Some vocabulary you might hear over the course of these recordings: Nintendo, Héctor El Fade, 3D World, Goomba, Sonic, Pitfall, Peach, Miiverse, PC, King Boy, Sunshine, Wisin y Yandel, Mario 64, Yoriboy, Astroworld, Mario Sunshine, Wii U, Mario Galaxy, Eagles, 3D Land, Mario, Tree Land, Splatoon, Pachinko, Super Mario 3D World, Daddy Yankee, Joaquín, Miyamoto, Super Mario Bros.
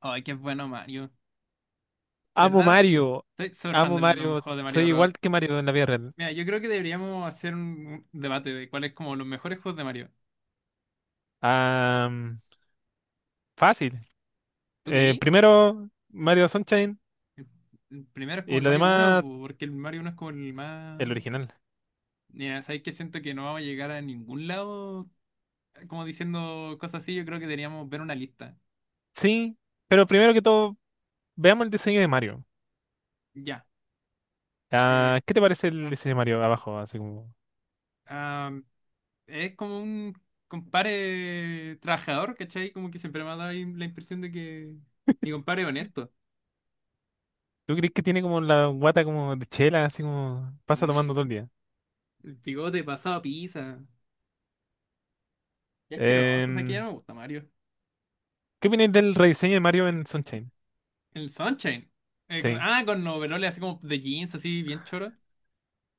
Ay, qué bueno Mario. De Amo verdad, Mario. estoy súper fan Amo de los Mario. juegos de Mario Soy Bros. igual que Mario en la vida real. Mira, yo creo que deberíamos hacer un debate de cuáles como los mejores juegos de Mario. Ah, fácil. ¿Tú Eh, creí? primero, Mario Sunshine El el primero es como y el lo Mario uno, demás, po, porque el Mario uno es como el más... el original. Mira, ¿sabes qué? Siento que no vamos a llegar a ningún lado como diciendo cosas así. Yo creo que deberíamos ver una lista. Sí, pero primero que todo, veamos el diseño de Mario. Ya. Eh, Ah, ¿qué te parece el diseño de Mario abajo? Así como. ah, es como un compadre trabajador, ¿cachai? Como que siempre me ha dado ahí la impresión de que mi compadre es honesto. ¿Tú crees que tiene como la guata como de chela, así como pasa tomando todo el día? El bigote pasado a pizza. Qué asqueroso, o sea que ya Em, no me gusta Mario. ¿qué opinas del rediseño de Mario en Sunshine? El Sunshine. Sí, Con overoles así como de jeans, así bien choro.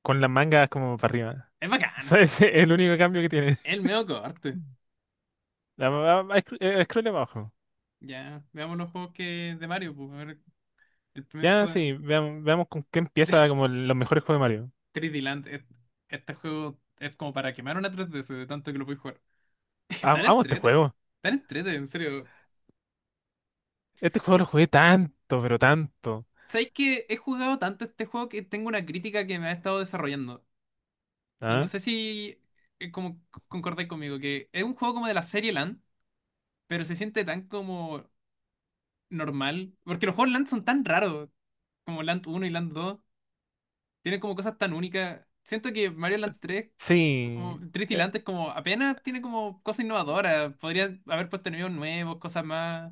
con las mangas como para arriba. Es bacán. Ese es el único cambio que tiene. El medio corte. Scroll abajo. Ya, veamos los juegos que de Mario. Pues, a ver, el primer Ya, juego sí, veamos, con qué de empieza como los mejores juegos de Mario. 3D Land. Este juego es como para quemar una 3DS de tanto que lo puedes jugar. Tan Amo este entrete. juego. Tan entrete, en serio. Este juego lo jugué tanto, pero tanto. ¿Sabéis que he jugado tanto este juego que tengo una crítica que me ha estado desarrollando? Y no ¿Ah? sé si como concordáis conmigo, que es un juego como de la serie LAN, pero se siente tan como normal, porque los juegos Land son tan raros, como Land uno y Land 2 tienen como cosas tan únicas. Siento que Mario Land tres, Sí. como 3 y Eh, Land, es como apenas tiene como cosas innovadoras, podría haber puesto enemigos nuevos, cosas más,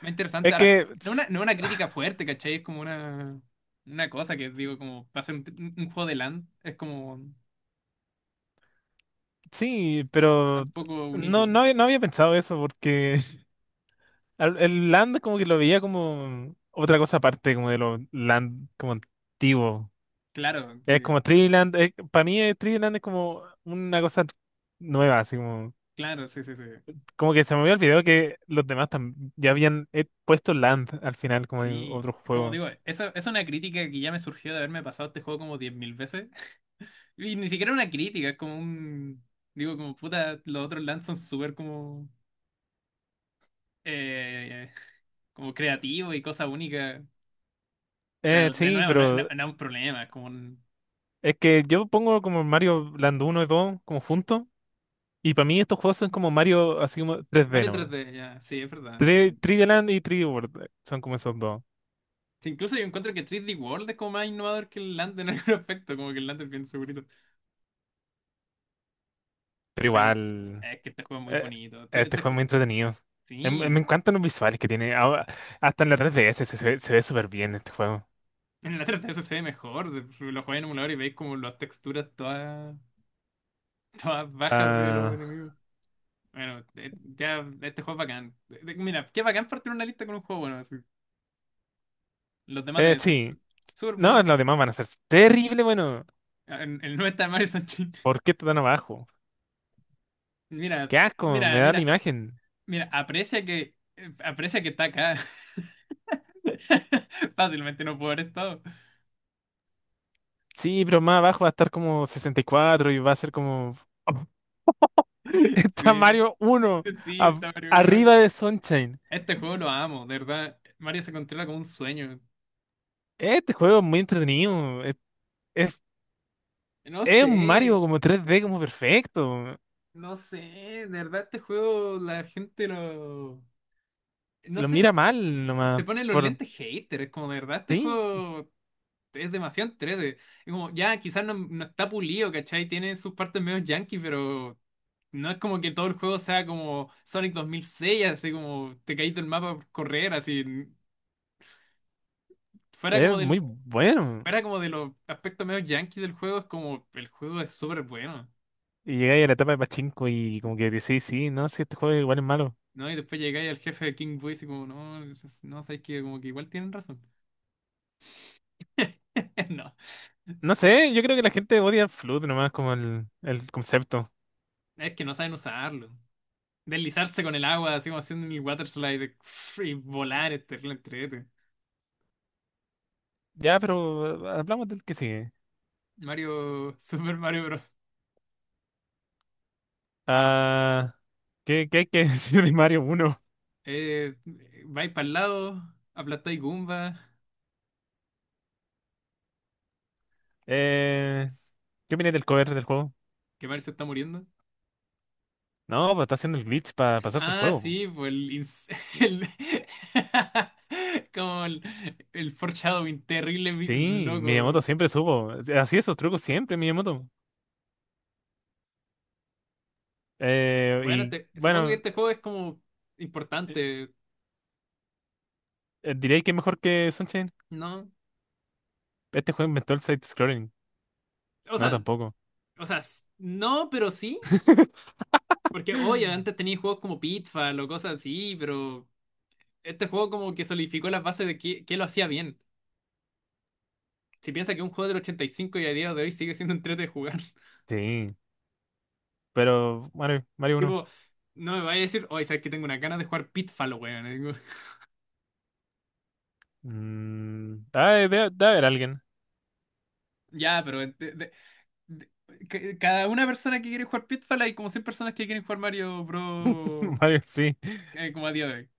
más interesantes. Es Ahora, que no una, no una crítica fuerte, ¿cachai? Es como una cosa que digo, como para hacer un juego de Land, es como sí, pero tampoco único. no había pensado eso porque el Land como que lo veía como otra cosa aparte como de los Land como antiguo. Claro, Es sí, como Tree Land, para mí Tree Land es como una cosa nueva, así como. claro, sí, sí, sí. Como que se me había olvidado que los demás ya habían puesto Land al final como en Sí, otro como juego. digo, eso es una crítica que ya me surgió de haberme pasado este juego como 10.000 veces. Y ni siquiera una crítica, es como un... Digo, como puta, los otros LAN son súper como... eh, Como creativos y cosas únicas. Pero de Sí, nuevo, no, no- pero no es un problema, es como un... es que yo pongo como Mario Land uno y 2 como juntos. Y para mí estos juegos son como Mario así como 3D Mario nomás. 3D, ya, sí, es verdad. 3 Sí. d Land y 3D World son como esos dos. Sí, incluso yo encuentro que 3D World es como más innovador que el LAN en algún aspecto, como que el LAN es bien segurito. Pero Bueno, igual, es que este juego es muy eh, bonito. Este juego es muy entretenido. Me Sí. encantan los visuales que tiene. Ahora, hasta en la 3DS se ve súper bien este juego. En la 3DS se ve mejor. Lo jugáis en emulador y veis como las texturas todas, todas bajas de los Ah, enemigos. Bueno, ya este juego es bacán. Mira, qué bacán partir una lista con un juego bueno, así. Los demás deben ser sí. Súper No, buenos. los demás van a ser terrible, bueno. El 90 de Mario Sunshine. ¿Por qué está tan abajo? Mira, Qué asco, me mira, da la mira, imagen. mira, aprecia que está acá. Fácilmente no puedo haber estado. Sí, pero más abajo va a estar como 64 y va a ser como. Está Sí, Mario uno sí, a- está Mario Bros. arriba de Sunshine. Este juego lo amo, de verdad. Mario se controla como un sueño. Este juego es muy entretenido. Es, No es un sé. Mario como 3D como perfecto. No sé, de verdad este juego la gente lo... No Lo mira sé, mal nomás. se ponen los lentes hater, es como de verdad este Sí, juego es demasiado en 3D. Es como, ya, quizás no está pulido, ¿cachai? Tiene sus partes medio yankee, pero no es como que todo el juego sea como Sonic 2006, así como te caíste del mapa por correr, así. Fuera como es del, muy bueno. Fuera como de los aspectos medio yankee del juego, es como, el juego es súper bueno. Y llegáis a la etapa de Pachinko y como que decís: sí, no, sí, este juego igual es malo. ¿No? Y después llegáis al jefe de King Boy y como, no, sabéis que como que igual tienen razón. No. No sé, yo creo que la gente odia Flood nomás como el concepto. Es que no saben usarlo. Deslizarse con el agua, así como haciendo el water slide pff, y volar este entrete. Ya, pero hablamos del que sigue. Mario, Super Mario Bros. Ah, Ah, ¿Qué hay que decir de Mario uno? eh, vais para el lado, aplastáis Goomba, Eh, ¿Qué opinas del cover del juego? que Mario se está muriendo. No, pues está haciendo el glitch para pasarse el Ah, juego, po. sí, pues el- como el foreshadowing terrible, Sí, loco. Miyamoto siempre supo. Así esos trucos siempre, Miyamoto. Eh, Bueno, y supongo que bueno, este juego es como eh, importante, diréis que es mejor que Sunshine. ¿no? Este juego inventó el side-scrolling. O No, sea, tampoco. o sea, no, pero sí. Porque, oye, antes tenía juegos como Pitfall o cosas así, pero este juego como que solidificó las bases de qué lo hacía bien. Si piensa que un juego del ochenta y cinco y a día de hoy sigue siendo un entrete de jugar. Sí, pero Mario, Mario uno. Tipo, no me vaya a decir, oye, sabes que tengo una ganas de jugar Pitfall, weón. Y digo, Ah, debe haber alguien. Ya, pero de- cada una persona que quiere jugar Pitfall hay como 100 personas que quieren jugar Mario Bros. Mario, sí. Como a día de hoy.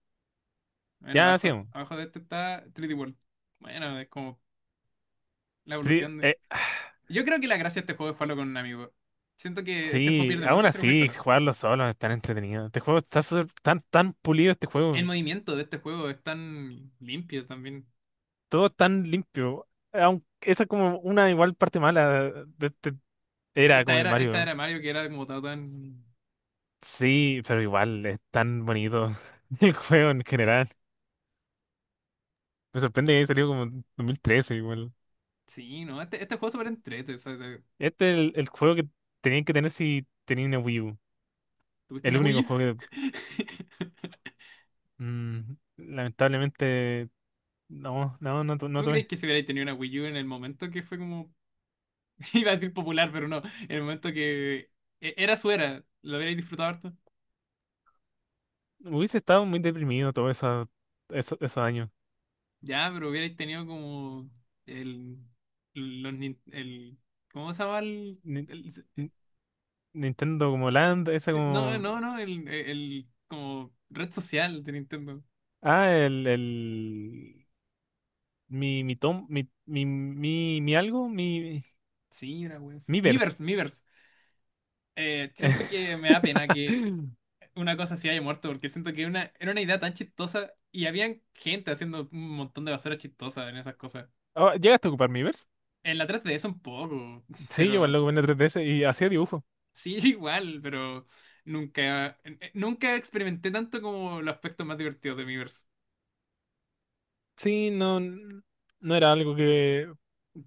Bueno, Ya, abajo, sigamos. abajo de este está 3D World. Bueno, es como la Tri- evolución. eh, Yo creo que la gracia de este juego es jugarlo con un amigo. Siento que este juego Sí, pierde aún mucho si lo juegas así, solo. jugarlo solo es tan entretenido. Este juego está tan pulido, este El juego. movimiento de este juego es tan limpio también. Todo tan limpio. Aunque esa es como una igual parte mala de era Esta como de era, esta Mario. era Mario que era como todo tan... Sí, pero igual es tan bonito el juego en general. Me sorprende que haya salido como en 2013 igual. Sí, ¿no? Este juego es súper entrete, o sea, Este es el juego que tenían que tener si tenían una Wii U. ¿Tuviste El una único Wii U? juego que lamentablemente no ¿Tú tuve. crees que si hubierais tenido una Wii U en el momento que fue como... Iba a decir popular, pero no. En el momento que... Era su era. ¿Lo hubierais disfrutado harto? Hubiese estado muy deprimido todos esos años. Ya, pero hubierais tenido como... El... Los, nin- el ¿Cómo se llama el...? Ni- el- Ni- Nintendo como Land, esa Sí, no, como. no, no, el como red social de Nintendo. Ah, Mi, mi tom, mi algo, Sí, una wea así. Miiverse. Miiverse, Miiverse. Siento que me da pena que una cosa así haya muerto, porque siento que era una idea tan chistosa y habían gente haciendo un montón de basura chistosa en esas cosas. Oh, ¿llegaste a ocupar Miiverse? En la 3DS un poco, Sí, yo igual pero lo ocupé en la 3DS y hacía dibujo. sí, igual, pero nunca experimenté tanto como los aspectos más divertidos de Miiverse. Sí, no, no era algo que.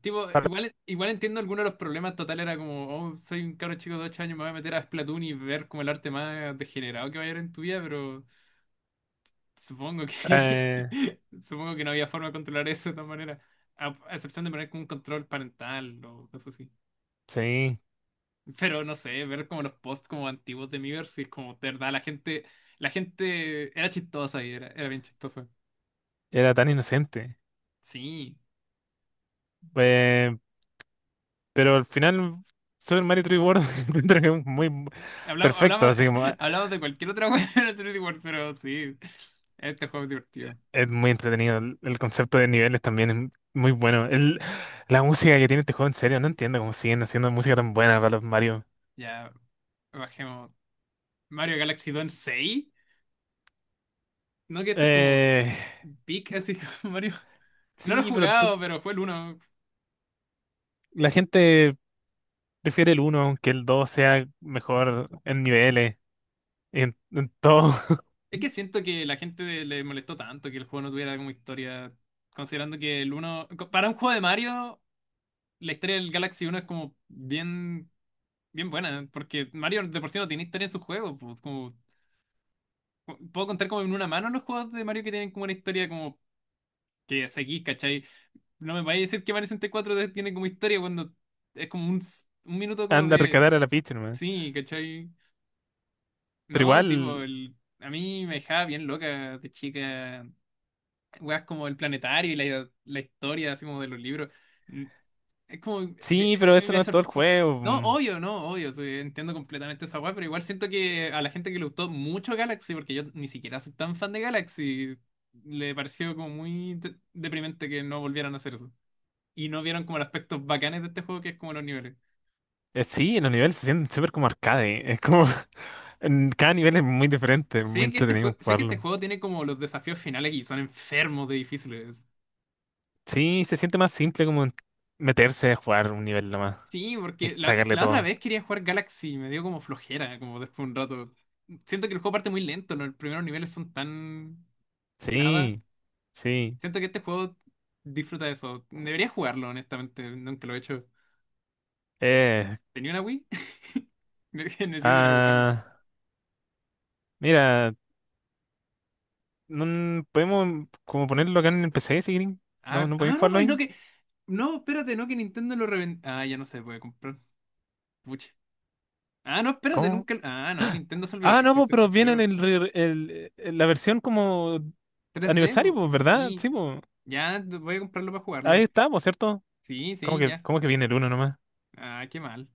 Tipo, para- igual entiendo algunos de los problemas. Total, era como, oh, soy un cabro chico de 8 años, me voy a meter a Splatoon y ver como el arte más degenerado que va a haber en tu vida, pero supongo que eh, supongo que no había forma de controlar eso de todas maneras. A excepción de poner como un control parental o cosas así. sí, Pero no sé, ver como los posts como antiguos de Miiverse, si es como, de verdad, la gente, era chistosa y era bien chistosa. era tan inocente. Sí. Eh, pero al final, Super Mario 3D World encuentro que es muy Hablamos, perfecto, hablamos, así de, como. hablamos de cualquier otra cosa, pero sí, este juego es divertido. Es muy entretenido. El concepto de niveles también es muy bueno. La música que tiene este juego, en serio, no entiendo cómo siguen haciendo música tan buena para los Mario. Ya, bajemos. Mario Galaxy 2 en seis. No, que este es como Eh, pic, así como Mario. No lo he sí, pero jugado, pero fue el uno. la gente prefiere el uno aunque el 2 sea mejor en niveles, en todo. Es que siento que la gente le molestó tanto que el juego no tuviera como historia. Considerando que el 1. Para un juego de Mario, la historia del Galaxy uno es como bien, bien buena. Porque Mario de por sí no tiene historia en sus juegos. Pues, como, puedo contar como en una mano los juegos de Mario que tienen como una historia como que seguís, ¿cachai? No me vayas a decir que Mario 64 tiene como historia cuando es como un minuto como Anda a de... rescatar a la Peach nomás. Sí, ¿cachai? Pero No, tipo, igual, a mí me dejaba bien loca de chica. Weas como el planetario y la historia, así como de los libros. Mm. Es como... sí, pero eso me no es todo sor- el juego. No, Mm. obvio, no, obvio. Sí, entiendo completamente esa wea, pero igual siento que a la gente que le gustó mucho Galaxy, porque yo ni siquiera soy tan fan de Galaxy, le pareció como muy deprimente que no volvieran a hacer eso. Y no vieron como los aspectos bacanes de este juego, que es como los niveles. Sí, los niveles se sienten súper como arcade. Es como, en cada nivel es muy diferente, muy Sé que este entretenido juego, sé que este jugarlo. juego tiene como los desafíos finales y son enfermos de difíciles. Sí, se siente más simple como meterse a jugar un nivel nomás Sí, y porque la, sacarle la otra todo. vez quería jugar Galaxy y me dio como flojera, como después de un rato. Siento que el juego parte muy lento, ¿no? Los primeros niveles son tan nada. Sí, sí. Siento que este juego disfruta de eso. Debería jugarlo, honestamente, nunca lo he hecho. Eh, ¿Tenía una Wii? Necesito ir a jugarlo. ah, mira, no, podemos como ponerlo acá en el PC si quieren. A No, ver, no podéis ah, no, jugarlo pues no ahí. que. No, espérate, no que Nintendo lo reventó. Ah, ya no se puede comprar. Pucha. Ah, no, espérate, ¿Cómo? nunca. Ah, no, Nintendo se olvidó Ah, que no, pues, existe pero este viene en juego. el, re- el- la versión como 3D, aniversario, pues, ¿verdad? sí, Sí, pues. ya voy a comprarlo para Ahí jugarlo. está, pues, ¿cierto? Sí, sí, ya. Cómo que viene el uno nomás? Ah, qué mal.